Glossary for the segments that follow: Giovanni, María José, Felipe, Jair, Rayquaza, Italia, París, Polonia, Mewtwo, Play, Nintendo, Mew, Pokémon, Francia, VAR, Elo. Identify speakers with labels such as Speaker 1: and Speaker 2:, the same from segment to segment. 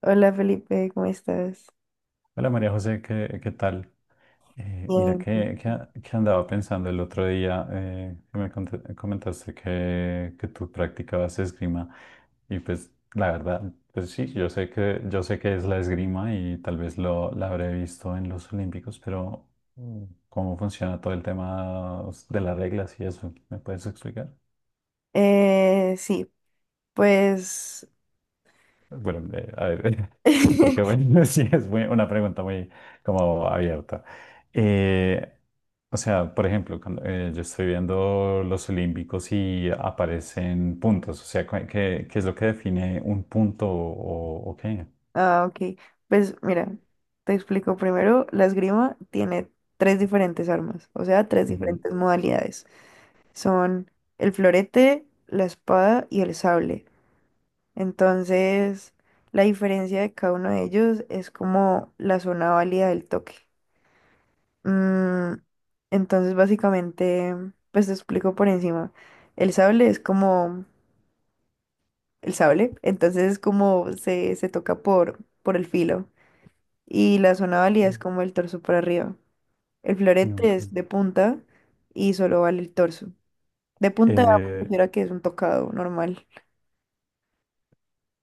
Speaker 1: Hola Felipe, ¿cómo estás?
Speaker 2: Hola María José, ¿qué tal? Mira,
Speaker 1: Bien.
Speaker 2: que andaba pensando el otro día, que comentaste que tú practicabas esgrima y pues la verdad, pues sí, yo sé que es la esgrima y tal vez la habré visto en los Olímpicos, pero mm, ¿cómo funciona todo el tema de las reglas y eso? ¿Me puedes explicar?
Speaker 1: Sí, pues.
Speaker 2: Bueno, a ver, porque bueno, sí, es una pregunta muy como abierta. Eh, o sea, por ejemplo, cuando yo estoy viendo los olímpicos y aparecen puntos, o sea, ¿qué es lo que define un punto o qué?
Speaker 1: Ah, ok. Pues mira, te explico primero. La esgrima tiene tres diferentes armas, o sea, tres
Speaker 2: Ujú.
Speaker 1: diferentes modalidades. Son el florete, la espada y el sable. Entonces, la diferencia de cada uno de ellos es como la zona válida del toque. Mm, entonces, básicamente, pues te explico por encima. El sable es como el sable. Entonces es como se toca por el filo. Y la zona válida es como el torso para arriba. El
Speaker 2: No,
Speaker 1: florete es
Speaker 2: ok.
Speaker 1: de punta y solo vale el torso. De punta me
Speaker 2: Eh,
Speaker 1: refiero a que es un tocado normal,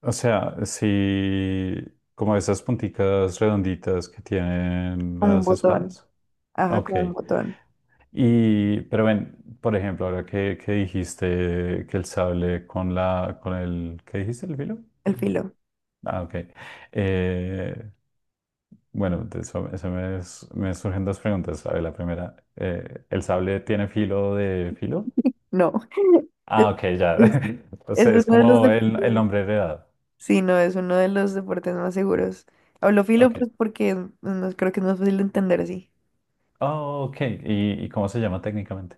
Speaker 2: o sea, si como esas punticas redonditas que tienen
Speaker 1: como un
Speaker 2: las
Speaker 1: botón.
Speaker 2: espadas.
Speaker 1: Ajá,
Speaker 2: Ok.
Speaker 1: como un botón.
Speaker 2: Pero ven, por ejemplo, ahora que dijiste que el sable con ¿qué dijiste? ¿El filo?
Speaker 1: El filo.
Speaker 2: Ah, ok. Eh, bueno, de eso me surgen dos preguntas. A ver, la primera, ¿el sable tiene filo de filo?
Speaker 1: No. Es,
Speaker 2: Ah, ok, ya.
Speaker 1: es- es
Speaker 2: Entonces es
Speaker 1: uno de los
Speaker 2: como el
Speaker 1: deportes.
Speaker 2: nombre heredado.
Speaker 1: Sí, no, es uno de los deportes más seguros. Hablo filo,
Speaker 2: Ok.
Speaker 1: pues porque no, no, creo que es más fácil de entender así.
Speaker 2: Oh, ok. ¿Y cómo se llama técnicamente?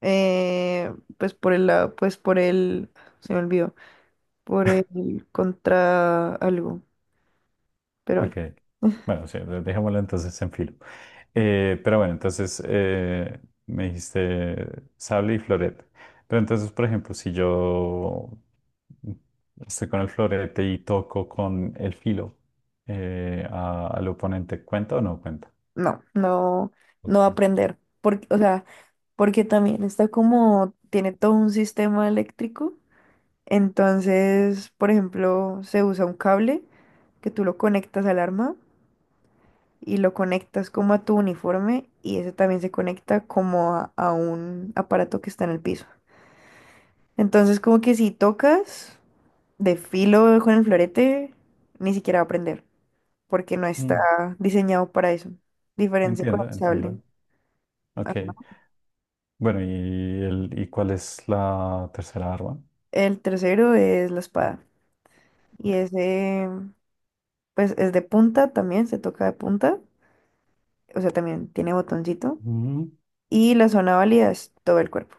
Speaker 1: Pues por el lado, pues por el. Se me olvidó. Por el contra algo, pero
Speaker 2: Ok.
Speaker 1: bueno,
Speaker 2: Bueno, sí, dejémoslo entonces en filo. Pero bueno, entonces me dijiste sable y florete. Pero entonces, por ejemplo, si yo estoy con el florete y toco con el filo al oponente, ¿cuenta o no cuenta?
Speaker 1: no, no, no
Speaker 2: Ok.
Speaker 1: va a aprender, porque, o sea, porque también está como, tiene todo un sistema eléctrico. Entonces, por ejemplo, se usa un cable que tú lo conectas al arma y lo conectas como a tu uniforme y ese también se conecta como a un aparato que está en el piso. Entonces, como que si tocas de filo con el florete, ni siquiera va a prender, porque no está
Speaker 2: Mm,
Speaker 1: diseñado para eso. Diferencia con
Speaker 2: Entiendo,
Speaker 1: el sable.
Speaker 2: entiendo. Ok.
Speaker 1: Ajá.
Speaker 2: Bueno, ¿y cuál es la tercera arma?
Speaker 1: El tercero es la espada. Y
Speaker 2: Ok.
Speaker 1: ese, pues es de punta también, se toca de punta. O sea, también tiene botoncito.
Speaker 2: Mm.
Speaker 1: Y la zona válida es todo el cuerpo.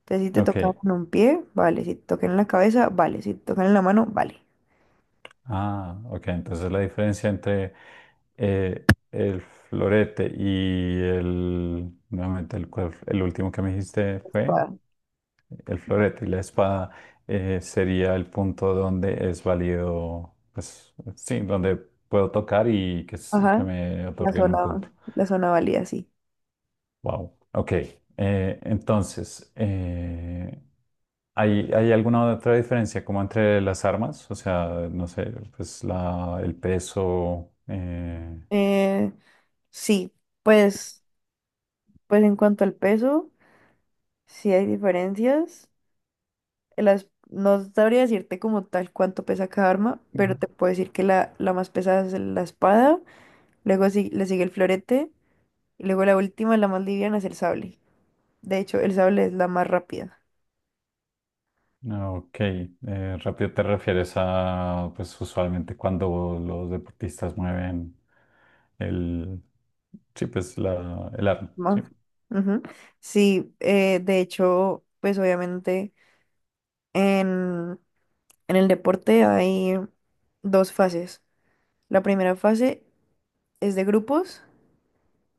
Speaker 1: Entonces, si te
Speaker 2: Ok,
Speaker 1: toca en un pie, vale. Si te toca en la cabeza, vale. Si te toca en la mano, vale.
Speaker 2: ah, ok. Entonces la diferencia entre el florete y el, nuevamente el, cual- el último que me dijiste fue
Speaker 1: Espada.
Speaker 2: el florete y la espada sería el punto donde es válido, pues sí, donde puedo tocar y que
Speaker 1: Ajá.
Speaker 2: me
Speaker 1: La
Speaker 2: otorguen un
Speaker 1: zona,
Speaker 2: punto.
Speaker 1: la zona válida, sí.
Speaker 2: Wow. Ok. Entonces, ¿hay alguna otra diferencia como entre las armas? O sea, no sé, pues el peso.
Speaker 1: Eh, sí, pues, pues en cuanto al peso, sí hay diferencias. No sabría decirte como tal cuánto pesa cada arma, pero
Speaker 2: Ujú.
Speaker 1: te puedo decir que la más pesada es la espada, luego le sigue el florete, y luego la última, la más liviana, es el sable. De hecho, el sable es la más rápida.
Speaker 2: Ah, ok, rápido te refieres a, pues usualmente cuando los deportistas mueven el, el arma,
Speaker 1: Más.
Speaker 2: ¿sí?
Speaker 1: Ujú. Sí, de hecho, pues obviamente en, en el deporte hay dos fases. La primera fase es de grupos,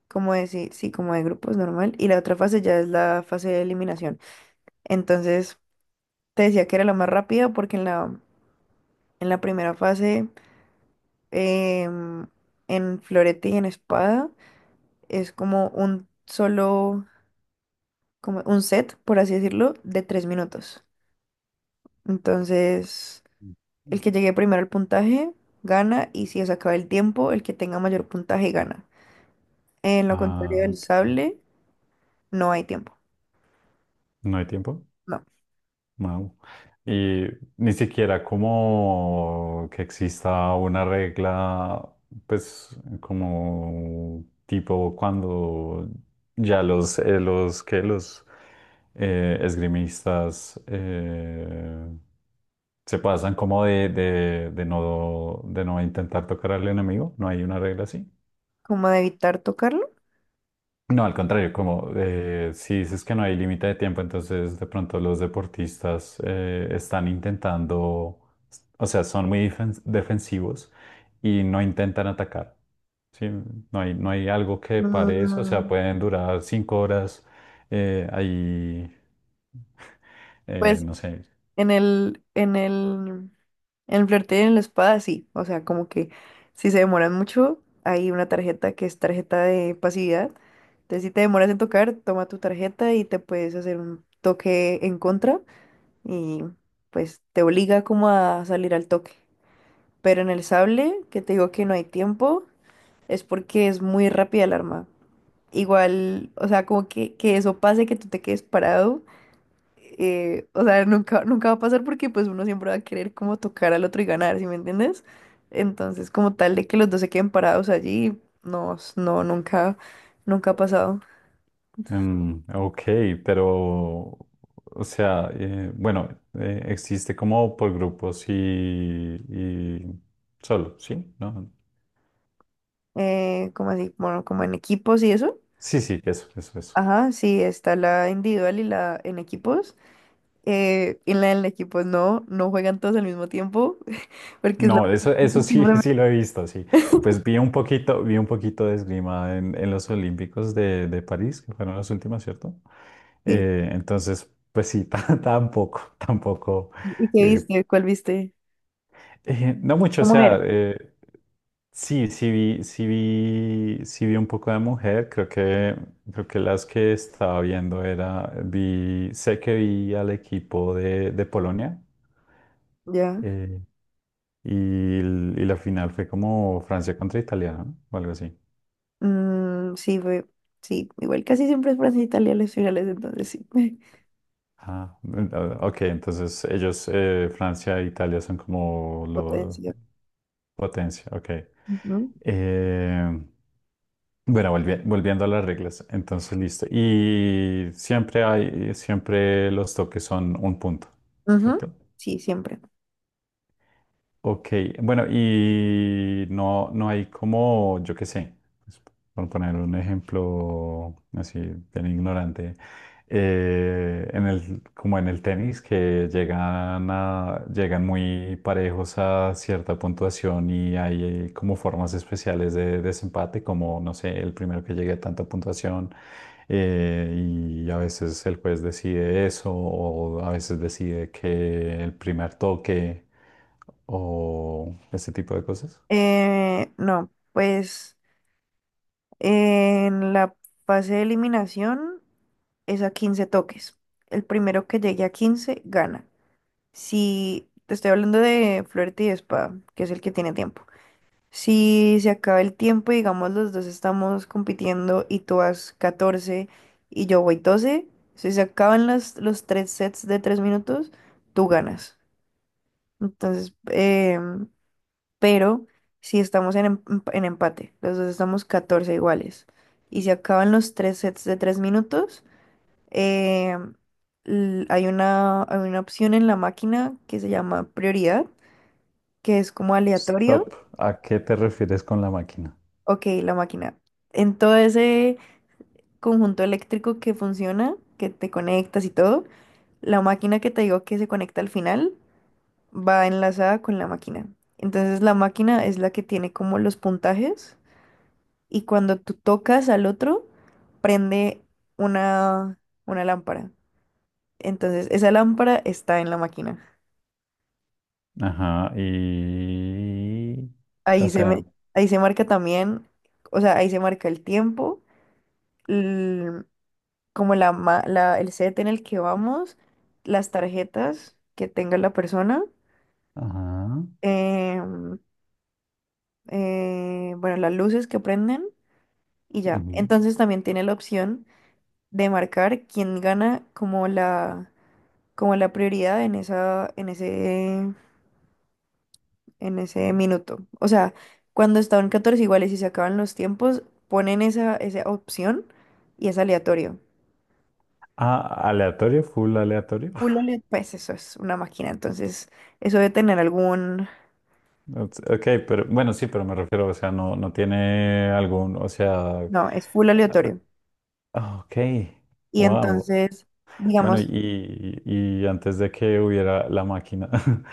Speaker 1: como decir, sí, sí, como de grupos normal, y la otra fase ya es la fase de eliminación. Entonces. Te decía que era la más rápida porque en la primera fase, em, en florete y en espada, es como un solo, como un set, por así decirlo, de 3 minutos. Entonces,
Speaker 2: Mm.
Speaker 1: el que llegue primero al puntaje gana y si se acaba el tiempo, el que tenga mayor puntaje gana. En lo contrario
Speaker 2: Ah,
Speaker 1: del
Speaker 2: ok.
Speaker 1: sable, no hay tiempo.
Speaker 2: ¿No hay tiempo?
Speaker 1: No.
Speaker 2: Wow. Y ni siquiera como que exista una regla, pues como tipo cuando ya los esgrimistas se pasan como de no intentar tocar al enemigo, no hay una regla así.
Speaker 1: ¿Como de evitar tocarlo?
Speaker 2: No, al contrario, como si dices que no hay límite de tiempo, entonces de pronto los deportistas están intentando, o sea, son muy defensivos y no intentan atacar, ¿sí? No hay algo que pare eso, o sea,
Speaker 1: Mm,
Speaker 2: pueden durar 5 horas ahí,
Speaker 1: Pues
Speaker 2: no sé.
Speaker 1: En el, en el, en el flirteo y en la espada, sí. O sea, como que si se demoran mucho, hay una tarjeta que es tarjeta de pasividad. Entonces, si te demoras en tocar, toma tu tarjeta y te puedes hacer un toque en contra y pues te obliga como a salir al toque. Pero en el sable, que te digo que no hay tiempo, es porque es muy rápida el arma. Igual, o sea, como que eso pase, que tú te quedes parado, o sea, nunca, nunca va a pasar porque pues uno siempre va a querer como tocar al otro y ganar, ¿sí me entiendes? Entonces, como tal de que los dos se queden parados allí, no, nunca, nunca ha pasado.
Speaker 2: Mm, ok, pero, o sea, bueno, existe como por grupos y solo, ¿sí? ¿No?
Speaker 1: Como así, bueno, como en equipos y eso.
Speaker 2: Sí, sí, eso, eso, eso.
Speaker 1: Ajá, sí, está la individual y la en equipos. Y en la en equipos no, no juegan todos al mismo tiempo, porque es la
Speaker 2: No,
Speaker 1: pregunta
Speaker 2: eso sí, sí lo he visto, sí. Pues vi un poquito de esgrima en los Olímpicos de París, que fueron las últimas, ¿cierto?
Speaker 1: sí.
Speaker 2: Entonces, pues sí, tampoco, tampoco,
Speaker 1: ¿Y qué
Speaker 2: eh,
Speaker 1: viste? ¿Cuál viste?
Speaker 2: no mucho, o
Speaker 1: ¿Cómo era?
Speaker 2: sea, sí, sí vi un poco de mujer, creo que las que estaba viendo era, sé que vi al equipo de Polonia.
Speaker 1: Ya.
Speaker 2: Eh, Y, y la final fue como Francia contra Italia, ¿no? O algo así.
Speaker 1: Mm, sí, fue, sí, igual casi siempre es Francia e Italia las finales, entonces sí.
Speaker 2: Ah, mm, ah, ok, entonces ellos, Francia e Italia son como lo
Speaker 1: Potencia.
Speaker 2: potencia, ok.
Speaker 1: Ujú.
Speaker 2: Eh, bueno, volviendo a las reglas, entonces listo. Y siempre los toques son un punto,
Speaker 1: Ujú.
Speaker 2: ¿cierto?
Speaker 1: Sí, siempre.
Speaker 2: Ok, bueno, y no hay como, yo qué sé, pues, por poner un ejemplo así bien ignorante, como en el tenis, que llegan muy parejos a cierta puntuación y hay como formas especiales de desempate, como, no sé, el primero que llegue a tanta puntuación, eh, y a veces el juez decide eso, o a veces decide que el primer toque o ese tipo de cosas.
Speaker 1: No, pues en la fase de eliminación es a 15 toques. El primero que llegue a 15 gana. Si te estoy hablando de florete y espada, que es el que tiene tiempo. Si se acaba el tiempo y digamos los dos estamos compitiendo y tú vas 14 y yo voy 12, si se acaban los tres sets de 3 minutos, tú ganas. Entonces, pero si estamos en empate, los dos estamos 14 iguales y se acaban los tres sets de 3 minutos, em, hay una opción en la máquina que se llama prioridad, que es como aleatorio.
Speaker 2: Stop. ¿A qué te refieres con la máquina?
Speaker 1: Ok, la máquina. Entonces conjunto eléctrico que funciona, que te conectas y todo, la máquina que te digo que se conecta al final va enlazada con la máquina. Entonces la máquina es la que tiene como los puntajes y cuando tú tocas al otro, prende una, una lámpara. Entonces esa lámpara está en la máquina.
Speaker 2: Ajá, y... O
Speaker 1: Ahí se,
Speaker 2: sea,
Speaker 1: me- ahí se marca también, o sea, ahí se marca el tiempo, el- como la, ma- la, el set en el que vamos, las tarjetas que tenga la persona,
Speaker 2: ajá.
Speaker 1: em, bueno, las luces que prenden y ya.
Speaker 2: Ujú.
Speaker 1: Entonces también tiene la opción de marcar quién gana como como la prioridad en ese minuto. O sea, cuando están 14 iguales y se acaban los tiempos, ponen esa opción y es aleatorio.
Speaker 2: Ah, aleatorio, full aleatorio.
Speaker 1: Full aleatorio. Pues eso es una máquina, entonces eso debe tener algún.
Speaker 2: Ok, pero bueno, sí, pero me refiero, o sea, no tiene algún, o sea,
Speaker 1: No, es full aleatorio.
Speaker 2: ok,
Speaker 1: Y
Speaker 2: wow.
Speaker 1: entonces,
Speaker 2: Bueno,
Speaker 1: digamos,
Speaker 2: y antes de que hubiera la máquina,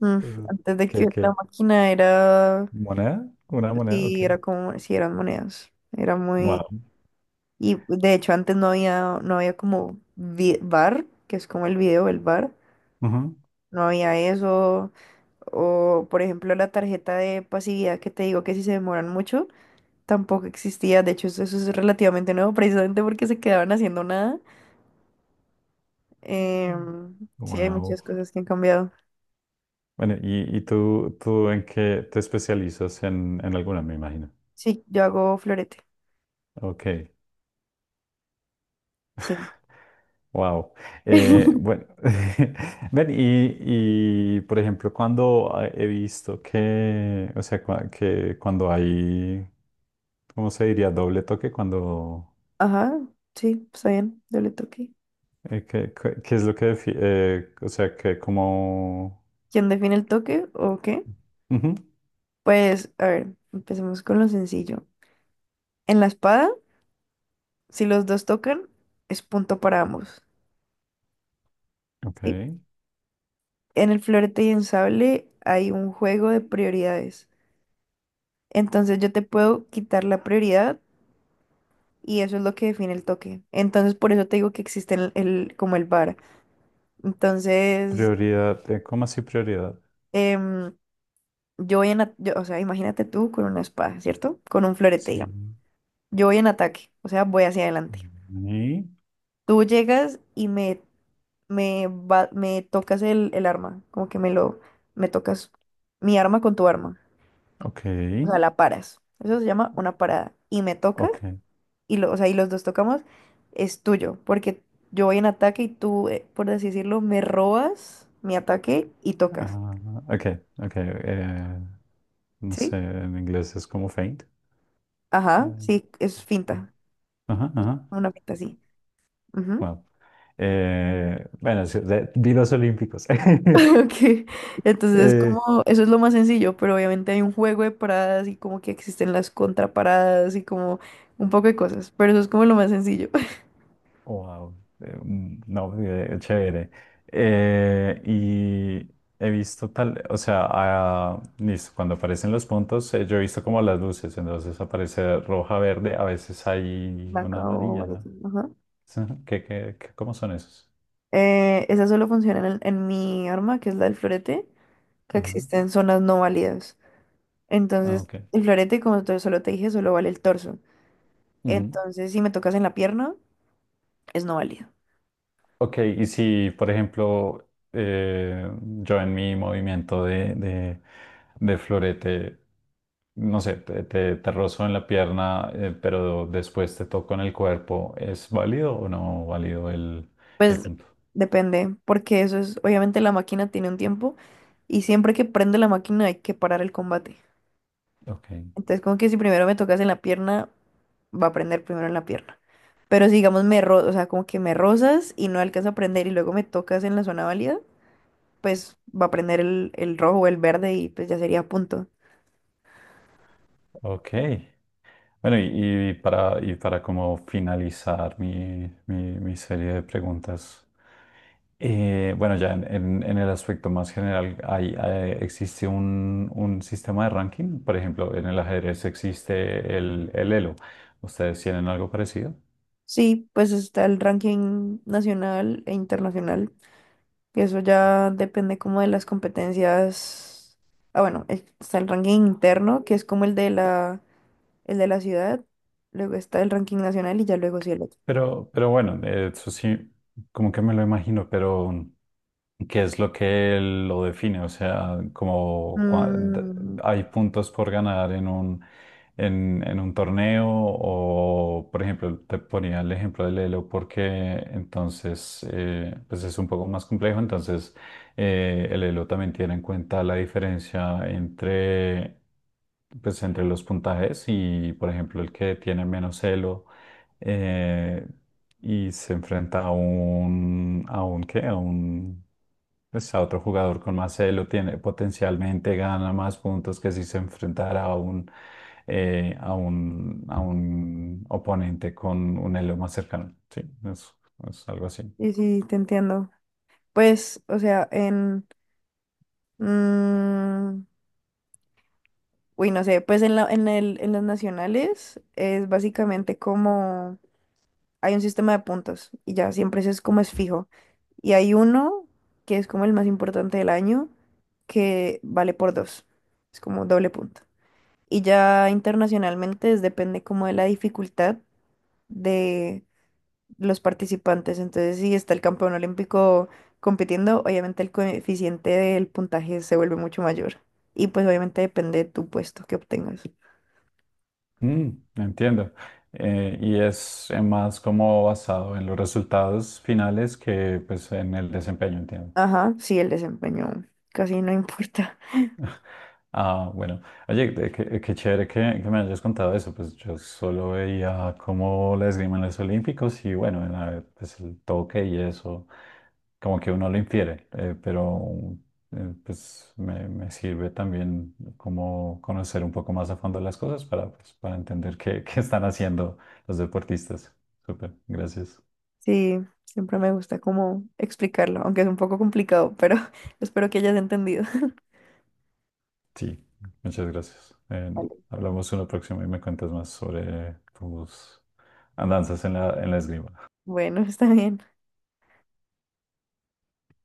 Speaker 1: mm,
Speaker 2: eh,
Speaker 1: antes de que
Speaker 2: ¿qué,
Speaker 1: la
Speaker 2: qué?
Speaker 1: máquina era.
Speaker 2: ¿Moneda? ¿Una moneda? Ok,
Speaker 1: Sí, era como, sí, eran monedas. Era muy.
Speaker 2: wow.
Speaker 1: Y de hecho antes no había como bar, que es como el video, el bar. No había eso. O, por ejemplo, la tarjeta de pasividad que te digo que si se demoran mucho, tampoco existía. De hecho, eso es relativamente nuevo, precisamente porque se quedaban haciendo nada. Em, sí, hay
Speaker 2: Wow.
Speaker 1: muchas cosas que han cambiado.
Speaker 2: Bueno, y tú en qué te especializas en alguna, me imagino.
Speaker 1: Sí, yo hago florete.
Speaker 2: Ok,
Speaker 1: Sí.
Speaker 2: wow. Bueno, ven, por ejemplo, cuando he visto que, o sea, cua- que cuando hay, ¿cómo se diría? Doble toque,
Speaker 1: Ajá, sí, está bien. Yo le toqué.
Speaker 2: ¿qué es lo que, o sea,
Speaker 1: ¿Quién define el toque o qué?
Speaker 2: ujú,
Speaker 1: Pues, a ver, empecemos con lo sencillo. En la espada, si los dos tocan, es punto para ambos.
Speaker 2: ok,
Speaker 1: ¿Sí? En el florete y en sable hay un juego de prioridades. Entonces yo te puedo quitar la prioridad y eso es lo que define el toque. Entonces por eso te digo que existe el- como el VAR. Entonces,
Speaker 2: prioridad, ¿cómo así prioridad?
Speaker 1: em, yo voy en, a- yo- o sea, imagínate tú con una espada, ¿cierto? Con un florete, digamos.
Speaker 2: Sí.
Speaker 1: Yo voy en ataque, o sea, voy hacia adelante.
Speaker 2: Mm,
Speaker 1: Tú llegas y me me tocas el arma, como que me lo, me tocas mi arma con tu arma,
Speaker 2: ok.
Speaker 1: o sea, la paras. Eso se llama una parada. Y me toca,
Speaker 2: Ok.
Speaker 1: o sea, y los dos tocamos, es tuyo, porque yo voy en ataque y tú, por así decirlo, me robas mi ataque y tocas,
Speaker 2: Ah, ok, ok. No sé,
Speaker 1: ¿sí?
Speaker 2: en inglés es como faint.
Speaker 1: Ajá,
Speaker 2: eh,
Speaker 1: sí, es finta,
Speaker 2: ajá, ajá.
Speaker 1: una finta, sí.
Speaker 2: Wow. Bueno, sí, vi los Olímpicos.
Speaker 1: Ok, entonces como
Speaker 2: Eh,
Speaker 1: eso es lo más sencillo, pero obviamente hay un juego de paradas y como que existen las contraparadas y como un poco de cosas, pero eso es como lo más sencillo.
Speaker 2: wow. Mm, no, chévere. Y he visto tal, o sea, ah, listo, cuando aparecen los puntos, yo he visto como las luces, entonces aparece roja, verde, a veces hay
Speaker 1: Blanca
Speaker 2: una
Speaker 1: o
Speaker 2: amarilla, ¿no?
Speaker 1: variación, ajá.
Speaker 2: Cómo son esos?
Speaker 1: Esa solo funciona en, el en mi arma, que es la del florete, que
Speaker 2: Ajá.
Speaker 1: existen zonas no válidas.
Speaker 2: Ah,
Speaker 1: Entonces,
Speaker 2: ok.
Speaker 1: el florete, como solo te dije, solo vale el torso.
Speaker 2: Ujú.
Speaker 1: Entonces, si me tocas en la pierna, es no válido.
Speaker 2: Ok, y si, por ejemplo, eh, yo en mi movimiento de florete, no sé, te rozo en la pierna, pero después te toco en el cuerpo, ¿es válido o no válido el
Speaker 1: Pues
Speaker 2: punto?
Speaker 1: depende, porque eso es, obviamente la máquina tiene un tiempo y siempre que prende la máquina hay que parar el combate.
Speaker 2: Ok,
Speaker 1: Entonces como que si primero me tocas en la pierna, va a prender primero en la pierna. Pero si digamos o sea, como que me rozas y no alcanza a prender y luego me tocas en la zona válida, pues va a prender el rojo o el verde y pues ya sería punto.
Speaker 2: ok. Bueno, y para como finalizar mi serie de preguntas. Bueno, ya en el aspecto más general, existe un sistema de ranking. Por ejemplo, en el ajedrez existe el Elo. ¿Ustedes tienen algo parecido?
Speaker 1: Sí, pues está el ranking nacional e internacional. Eso ya depende como de las competencias. Ah, bueno, está el ranking interno, que es como el de la ciudad. Luego está el ranking nacional y ya luego sí el otro.
Speaker 2: Pero bueno, eso sí, como que me lo imagino, pero... ¿Qué es lo que lo define? O sea,
Speaker 1: Mm,
Speaker 2: hay puntos por ganar en un torneo o, por ejemplo, te ponía el ejemplo del Elo porque entonces, pues es un poco más complejo, entonces el Elo también tiene en cuenta la diferencia entre los puntajes y, por ejemplo, el que tiene menos Elo y se enfrenta ¿qué? A un, pues a otro jugador con más elo, tiene potencialmente gana más puntos que si se enfrentara a un oponente con un elo más cercano. Sí, es, es algo así.
Speaker 1: y sí, te entiendo. Pues, o sea, mm, uy, no sé, pues en la, en el, en los nacionales es básicamente como. Hay un sistema de puntos y ya siempre eso es como es fijo. Y hay uno que es como el más importante del año, que vale por dos. Es como doble punto. Y ya internacionalmente depende como de la dificultad de los participantes. Entonces, si está el campeón olímpico compitiendo, obviamente el coeficiente del puntaje se vuelve mucho mayor. Y pues obviamente depende de tu puesto que obtengas.
Speaker 2: Mm, entiendo. Y es más como basado en los resultados finales que pues en el desempeño, entiendo.
Speaker 1: Ajá, sí, el desempeño casi no importa.
Speaker 2: Ah, bueno. Oye, qué chévere que me hayas contado eso. Pues yo solo veía cómo la esgrima en los Olímpicos y bueno, pues el toque y eso, como que uno lo infiere, pero pues me sirve también como conocer un poco más a fondo las cosas para, pues, para entender qué están haciendo los deportistas. Súper, gracias.
Speaker 1: Sí, siempre me gusta como explicarlo, aunque es un poco complicado, pero espero que hayas entendido.
Speaker 2: Sí, muchas gracias.
Speaker 1: Vale.
Speaker 2: Hablamos una próxima y me cuentas más sobre tus andanzas en la esgrima.
Speaker 1: Bueno, está bien.